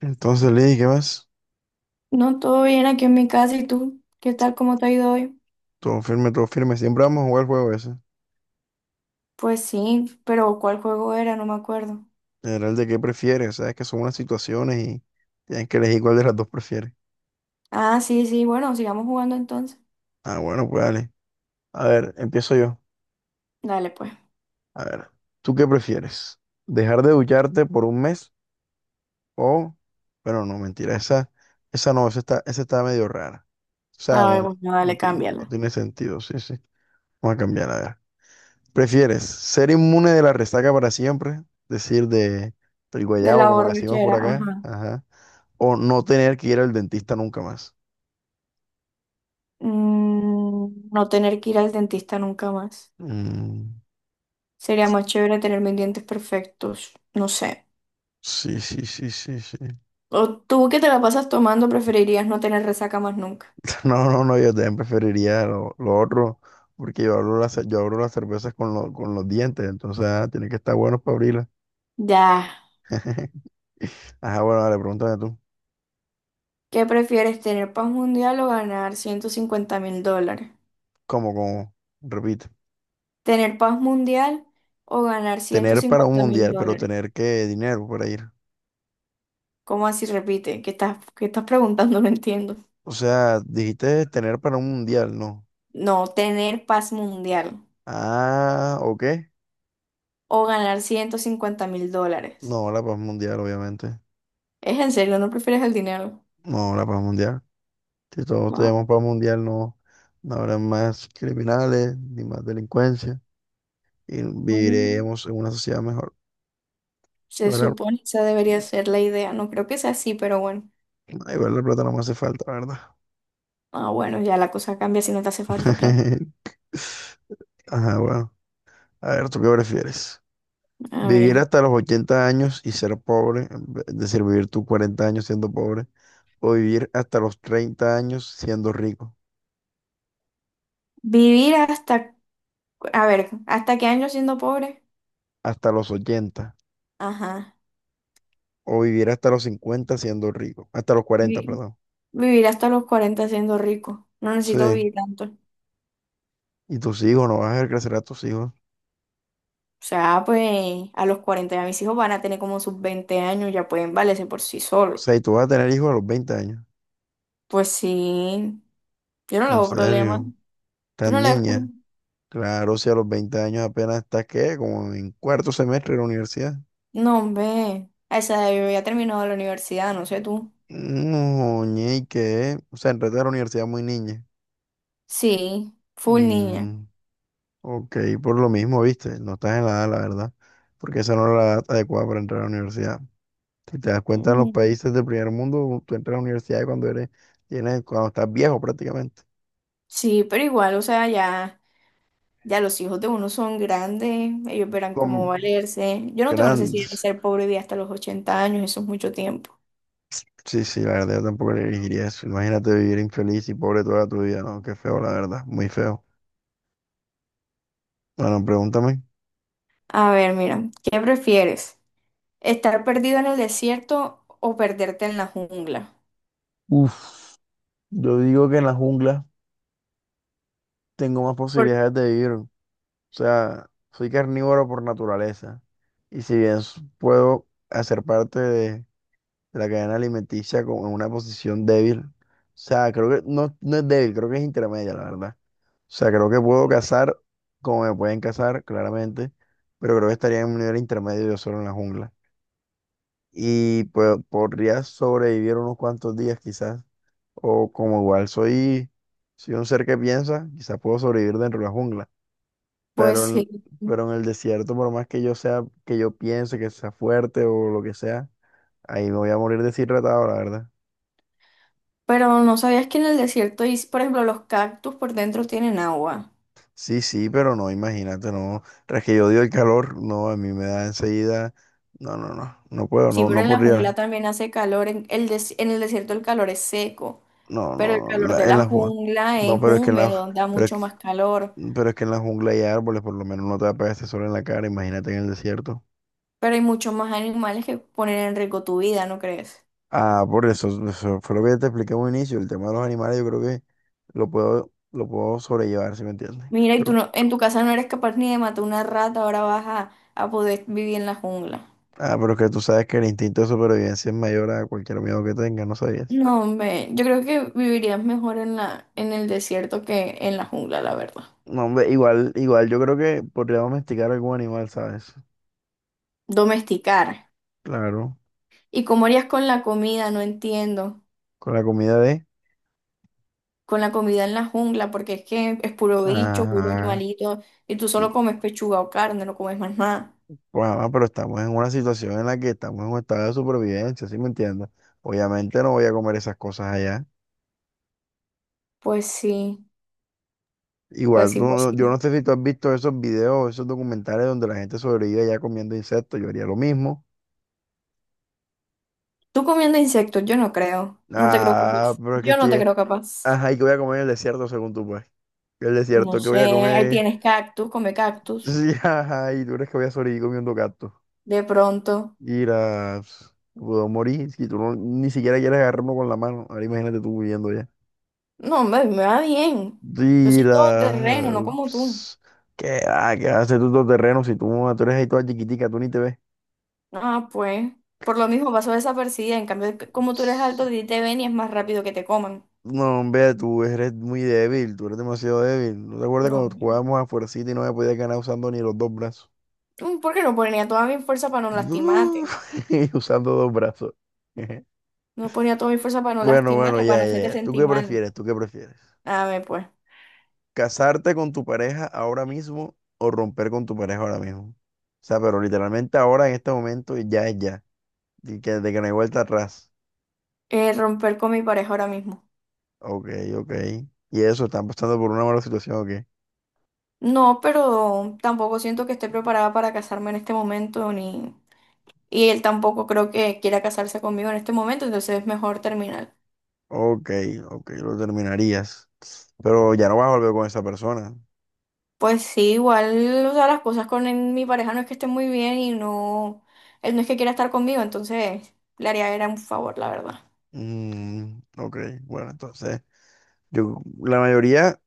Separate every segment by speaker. Speaker 1: Entonces, Lee, ¿qué más?
Speaker 2: No, todo bien aquí en mi casa. ¿Y tú? ¿Qué tal? ¿Cómo te ha ido hoy?
Speaker 1: Todo firme, todo firme. Siempre vamos a jugar el juego ese.
Speaker 2: Pues sí, pero ¿cuál juego era? No me acuerdo.
Speaker 1: Era el de qué prefieres, sabes que son unas situaciones y tienes que elegir cuál de las dos prefieres.
Speaker 2: Ah, sí, sí. Bueno, sigamos jugando entonces.
Speaker 1: Ah, bueno, pues dale. A ver, empiezo yo.
Speaker 2: Dale, pues.
Speaker 1: A ver, ¿tú qué prefieres? ¿Dejar de ducharte por un mes o... Bueno, no, mentira, esa no, esa está medio rara. O sea,
Speaker 2: A ver,
Speaker 1: no,
Speaker 2: bueno, dale,
Speaker 1: no, no
Speaker 2: cámbiala.
Speaker 1: tiene sentido, sí, sí. Vamos a cambiar, a ver. ¿Prefieres ser inmune de la resaca para siempre? Decir de... El
Speaker 2: De la
Speaker 1: guayabo, como le decimos por
Speaker 2: borrachera,
Speaker 1: acá.
Speaker 2: ajá.
Speaker 1: Ajá. O no tener que ir al dentista nunca más.
Speaker 2: No tener que ir al dentista nunca más.
Speaker 1: Mm,
Speaker 2: Sería más chévere tener mis dientes perfectos. No sé.
Speaker 1: sí, sí, sí, sí, sí.
Speaker 2: O tú que te la pasas tomando, preferirías no tener resaca más nunca.
Speaker 1: No, no, no, yo también preferiría lo otro, porque yo abro las cervezas con, con los dientes, entonces tiene que estar bueno para abrirlas.
Speaker 2: Ya.
Speaker 1: Ajá, bueno, dale, pregúntame tú.
Speaker 2: ¿Qué prefieres, tener paz mundial o ganar 150 mil dólares?
Speaker 1: ¿Cómo, cómo? Repite.
Speaker 2: Tener paz mundial o ganar ciento
Speaker 1: Tener para un
Speaker 2: cincuenta mil
Speaker 1: mundial, pero
Speaker 2: dólares.
Speaker 1: tener qué dinero para ir.
Speaker 2: ¿Cómo así repite? Qué estás preguntando? No entiendo.
Speaker 1: O sea, dijiste tener para un mundial, ¿no?
Speaker 2: No, tener paz mundial
Speaker 1: Ah, ¿o qué?
Speaker 2: o ganar 150 mil dólares.
Speaker 1: No, la paz mundial, obviamente.
Speaker 2: ¿Es en serio? ¿No prefieres el dinero?
Speaker 1: No, la paz mundial. Si todos tenemos
Speaker 2: No.
Speaker 1: paz mundial, no, no habrá más criminales ni más delincuencia y
Speaker 2: Bueno,
Speaker 1: viviremos en una sociedad mejor.
Speaker 2: se
Speaker 1: Igual,
Speaker 2: supone que esa
Speaker 1: sí,
Speaker 2: debería ser la idea. No creo que sea así, pero bueno.
Speaker 1: igual la plata no me hace falta, la, ¿verdad?
Speaker 2: Ah, bueno, ya la cosa cambia si no te hace falta plata.
Speaker 1: Ajá, bueno. A ver, ¿tú qué prefieres?
Speaker 2: A
Speaker 1: ¿Vivir
Speaker 2: ver.
Speaker 1: hasta los 80 años y ser pobre? Es decir, vivir tus 40 años siendo pobre. ¿O vivir hasta los 30 años siendo rico?
Speaker 2: Vivir hasta, a ver, ¿hasta qué año siendo pobre?
Speaker 1: Hasta los ochenta.
Speaker 2: Ajá.
Speaker 1: ¿O vivir hasta los 50 siendo rico? Hasta los 40, perdón.
Speaker 2: Vivir hasta los 40 siendo rico. No necesito
Speaker 1: Sí.
Speaker 2: vivir tanto. O
Speaker 1: ¿Y tus hijos? ¿No vas a ver crecer a tus hijos?
Speaker 2: sea, pues a los 40 ya mis hijos van a tener como sus 20 años, ya pueden valerse por sí
Speaker 1: O
Speaker 2: solos.
Speaker 1: sea, ¿y tú vas a tener hijos a los 20 años?
Speaker 2: Pues sí, yo no le
Speaker 1: En
Speaker 2: veo problema.
Speaker 1: serio,
Speaker 2: ¿Tú no
Speaker 1: tan
Speaker 2: le ves problema?
Speaker 1: niña. Claro, si a los 20 años apenas estás, ¿qué? Como en cuarto semestre de la universidad.
Speaker 2: No, hombre. A esa edad yo ya he terminado la universidad, no sé tú.
Speaker 1: No, ñe, ¿y qué? O sea, entraste a la universidad muy niña.
Speaker 2: Sí, full niña.
Speaker 1: Mm, ok, por lo mismo, viste. No estás en la edad, la verdad. Porque esa no es la edad adecuada para entrar a la universidad. Si te das cuenta, en los
Speaker 2: Mm.
Speaker 1: países del primer mundo, tú entras a la universidad cuando eres, tienes, cuando estás viejo prácticamente.
Speaker 2: Sí, pero igual, o sea, ya los hijos de uno son grandes, ellos verán
Speaker 1: Con
Speaker 2: cómo valerse. Yo no tengo necesidad de
Speaker 1: grandes.
Speaker 2: ser pobre y vivir hasta los 80 años, eso es mucho tiempo.
Speaker 1: Sí, sí, la verdad yo tampoco elegiría eso. Imagínate vivir infeliz y pobre toda tu vida, ¿no? Qué feo, la verdad, muy feo. Bueno, pregúntame.
Speaker 2: A ver, mira, ¿qué prefieres? ¿Estar perdido en el desierto o perderte en la jungla?
Speaker 1: Uf, yo digo que en la jungla tengo más
Speaker 2: Por-
Speaker 1: posibilidades de vivir. O sea, soy carnívoro por naturaleza. Y si bien puedo hacer parte de la cadena alimenticia como en una posición débil. O sea, creo que no, no es débil, creo que es intermedia, la verdad. O sea, creo que puedo cazar como me pueden cazar, claramente, pero creo que estaría en un nivel intermedio yo solo en la jungla. Y pues podría sobrevivir unos cuantos días quizás. O como igual soy, soy un ser que piensa, quizás puedo sobrevivir dentro de la jungla.
Speaker 2: Pues
Speaker 1: Pero en,
Speaker 2: sí.
Speaker 1: pero en el desierto, por más que yo sea, que yo piense que sea fuerte o lo que sea, ahí me voy a morir deshidratado, la verdad.
Speaker 2: Pero no sabías que en el desierto, y, por ejemplo, los cactus por dentro tienen agua.
Speaker 1: Sí, sí, pero no, imagínate, no. Tras que yo odio el calor, no, a mí me da enseguida. No, no, no, no puedo,
Speaker 2: Sí,
Speaker 1: no,
Speaker 2: pero
Speaker 1: no
Speaker 2: en la jungla
Speaker 1: podría.
Speaker 2: también hace calor. En el desierto el calor es seco,
Speaker 1: No,
Speaker 2: pero el
Speaker 1: no, no,
Speaker 2: calor de
Speaker 1: en
Speaker 2: la
Speaker 1: la jungla.
Speaker 2: jungla
Speaker 1: No,
Speaker 2: es
Speaker 1: pero es que en la,
Speaker 2: húmedo, da
Speaker 1: pero es
Speaker 2: mucho
Speaker 1: que
Speaker 2: más calor.
Speaker 1: Mm, pero es que en la jungla hay árboles, por lo menos no te va a pegar este sol en la cara, imagínate en el desierto.
Speaker 2: Pero hay muchos más animales que ponen en riesgo tu vida, ¿no crees?
Speaker 1: Ah, por eso, eso fue lo que te expliqué en un inicio, el tema de los animales yo creo que lo puedo sobrellevar, ¿si me entiendes?
Speaker 2: Mira, y tú
Speaker 1: Pero-
Speaker 2: no, en tu casa no eres capaz ni de matar una rata, ahora vas a poder vivir en la jungla.
Speaker 1: pero es que tú sabes que el instinto de supervivencia es mayor a cualquier miedo que tengas, ¿no sabías?
Speaker 2: No, hombre, yo creo que vivirías mejor en la, en el desierto que en la jungla, la verdad.
Speaker 1: No, hombre, igual, igual yo creo que podría domesticar algún animal, ¿sabes?
Speaker 2: Domesticar.
Speaker 1: Claro,
Speaker 2: ¿Y cómo harías con la comida? No entiendo.
Speaker 1: con la comida de...
Speaker 2: Con la comida en la jungla, porque es que es puro bicho, puro
Speaker 1: Ajá.
Speaker 2: animalito, y tú solo comes pechuga o carne, no comes más nada.
Speaker 1: Bueno, mamá, pero estamos en una situación en la que estamos en un estado de supervivencia, ¿sí me entiendes? Obviamente no voy a comer esas cosas allá.
Speaker 2: Pues sí, pues
Speaker 1: Igual,
Speaker 2: sí,
Speaker 1: tú
Speaker 2: pues sí.
Speaker 1: no- yo no sé si tú has visto esos videos, esos documentales donde la gente sobrevive allá comiendo insectos, yo haría lo mismo.
Speaker 2: Tú comiendo insectos, yo no creo. No te creo
Speaker 1: Ah,
Speaker 2: capaz.
Speaker 1: pero es que
Speaker 2: Yo no te
Speaker 1: estoy...
Speaker 2: creo capaz.
Speaker 1: Ajá, ¿y qué voy a comer en el desierto según tú, pues? El
Speaker 2: No
Speaker 1: desierto, ¿qué
Speaker 2: sé,
Speaker 1: voy a
Speaker 2: ahí
Speaker 1: comer?
Speaker 2: tienes cactus, come cactus,
Speaker 1: Sí, ajá, ¿y tú crees que voy a sobrevivir comiendo gatos?
Speaker 2: de pronto.
Speaker 1: Irás, puedo morir si tú no- ni siquiera quieres agarrarme con la mano. Ahora imagínate tú viviendo allá.
Speaker 2: No, hombre, me va bien. Yo soy todo terreno,
Speaker 1: Mira,
Speaker 2: no como tú.
Speaker 1: ps, ¿qué hace tú todo terreno si tú, tú eres ahí toda chiquitica, tú ni te ves?
Speaker 2: Ah, pues. Por lo mismo pasó desapercibida. En cambio, como tú eres alto, a
Speaker 1: Ps,
Speaker 2: ti te ven y es más rápido que te coman.
Speaker 1: no, hombre, tú eres muy débil, tú eres demasiado débil. ¿No te acuerdas
Speaker 2: No,
Speaker 1: cuando
Speaker 2: hombre.
Speaker 1: jugábamos a fuercita y no me podías ganar usando ni los dos brazos?
Speaker 2: ¿Por qué no ponía toda mi fuerza para no
Speaker 1: Uh,
Speaker 2: lastimarte?
Speaker 1: y usando dos brazos.
Speaker 2: No ponía toda mi fuerza para no
Speaker 1: Bueno, bueno,
Speaker 2: lastimarte, para no
Speaker 1: ya, ya,
Speaker 2: hacerte
Speaker 1: ya. ¿Tú
Speaker 2: sentir
Speaker 1: qué
Speaker 2: mal.
Speaker 1: prefieres? ¿Tú qué prefieres?
Speaker 2: A ver, pues.
Speaker 1: ¿Casarte con tu pareja ahora mismo o romper con tu pareja ahora mismo? O sea, pero literalmente ahora en este momento ya es ya. De que no hay vuelta atrás.
Speaker 2: Romper con mi pareja ahora mismo.
Speaker 1: Ok, ok. Y eso, están pasando por una mala situación, ok.
Speaker 2: No, pero tampoco siento que esté preparada para casarme en este momento, ni... Y él tampoco creo que quiera casarse conmigo en este momento, entonces es mejor terminar.
Speaker 1: Ok, ok, lo terminarías. Pero ya no vas a volver con esa persona.
Speaker 2: Pues sí, igual, o sea, las cosas con mi pareja no es que estén muy bien y no, él no es que quiera estar conmigo, entonces le haría era un favor, la verdad.
Speaker 1: Mm, ok, bueno, entonces, la mayoría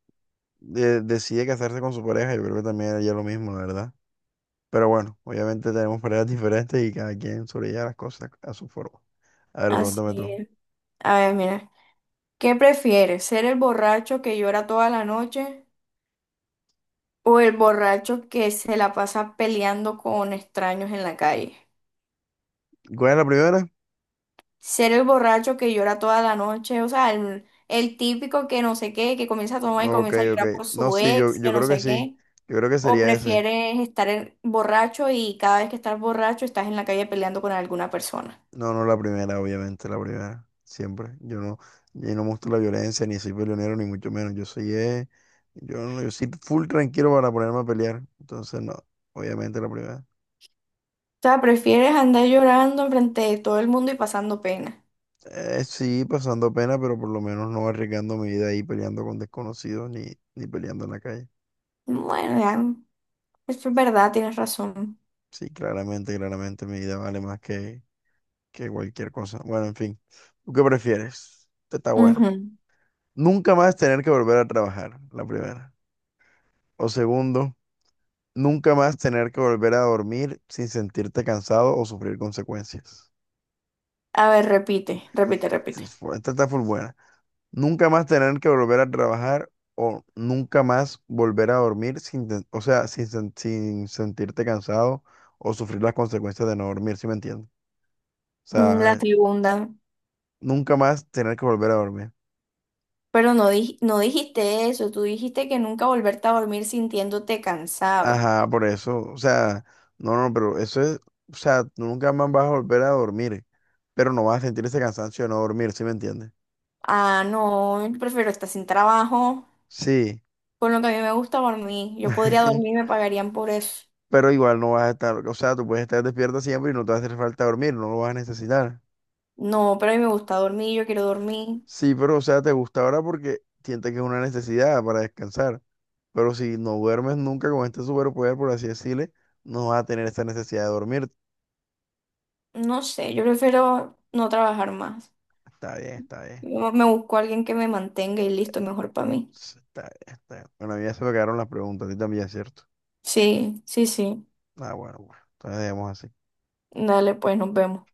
Speaker 1: decide casarse con su pareja, yo creo que también haría lo mismo, la verdad. Pero bueno, obviamente tenemos parejas diferentes y cada quien sobrelleva las cosas a su forma. A ver, pregúntame
Speaker 2: Así
Speaker 1: tú.
Speaker 2: es. A ver, mira, ¿qué prefieres? ¿Ser el borracho que llora toda la noche o el borracho que se la pasa peleando con extraños en la calle?
Speaker 1: ¿Cuál es la primera?
Speaker 2: Ser el borracho que llora toda la noche, o sea, el típico que no sé qué, que comienza a tomar y
Speaker 1: Ok,
Speaker 2: comienza a
Speaker 1: ok.
Speaker 2: llorar por
Speaker 1: No,
Speaker 2: su
Speaker 1: sí, yo,
Speaker 2: ex, que
Speaker 1: yo
Speaker 2: no
Speaker 1: creo que
Speaker 2: sé
Speaker 1: sí.
Speaker 2: qué.
Speaker 1: Yo creo que
Speaker 2: ¿O
Speaker 1: sería ese.
Speaker 2: prefieres estar borracho y cada vez que estás borracho estás en la calle peleando con alguna persona?
Speaker 1: No, no la primera, obviamente, la primera. Siempre. Yo no muestro la violencia, ni soy peleonero, ni mucho menos. Yo soy, yo, no- yo soy full tranquilo para ponerme a pelear. Entonces, no, obviamente la primera.
Speaker 2: O sea, prefieres andar llorando frente de todo el mundo y pasando pena.
Speaker 1: Sí, pasando pena, pero por lo menos no arriesgando mi vida ahí peleando con desconocidos ni peleando en la calle.
Speaker 2: Bueno, ya, eso es verdad, tienes razón.
Speaker 1: Sí, claramente, claramente mi vida vale más que cualquier cosa. Bueno, en fin. ¿Tú qué prefieres? Esta, está buena.
Speaker 2: Ujú.
Speaker 1: Nunca más tener que volver a trabajar, la primera. O segundo. Nunca más tener que volver a dormir sin sentirte cansado o sufrir consecuencias.
Speaker 2: A ver, repite, repite, repite.
Speaker 1: Sí, esta está full buena. Nunca más tener que volver a trabajar o nunca más volver a dormir sin, ten- o sea, sin sentirte cansado o sufrir las consecuencias de no dormir, ¿sí me entiendes? O
Speaker 2: La
Speaker 1: sea,
Speaker 2: segunda.
Speaker 1: nunca más tener que volver a dormir.
Speaker 2: Pero no, no dijiste eso, tú dijiste que nunca volverte a dormir sintiéndote cansado.
Speaker 1: Ajá, por eso. O sea, no, no, pero eso es, o sea, tú nunca más vas a volver a dormir, pero no vas a sentir ese cansancio de no dormir, ¿sí me entiendes?
Speaker 2: Ah, no, yo prefiero estar sin trabajo.
Speaker 1: Sí.
Speaker 2: Con lo que a mí me gusta dormir. Yo podría dormir y me pagarían por eso.
Speaker 1: Pero igual no vas a estar, o sea, tú puedes estar despierta siempre y no te va a hacer falta dormir, no lo vas a necesitar.
Speaker 2: No, pero a mí me gusta dormir, yo quiero dormir.
Speaker 1: Sí, pero o sea, te gusta ahora porque sientes que es una necesidad para descansar, pero si no duermes nunca con este superpoder, por así decirle, no vas a tener esa necesidad de dormir.
Speaker 2: No sé, yo prefiero no trabajar más.
Speaker 1: Está bien, está bien.
Speaker 2: Yo me busco a alguien que me mantenga y listo, mejor para mí.
Speaker 1: Sí, está bien, está bien. Bueno, a mí ya se me quedaron las preguntas, a ti también, ¿cierto?
Speaker 2: Sí, sí, sí.
Speaker 1: Ah, bueno, bueno, entonces dejemos así.
Speaker 2: Dale, pues nos vemos.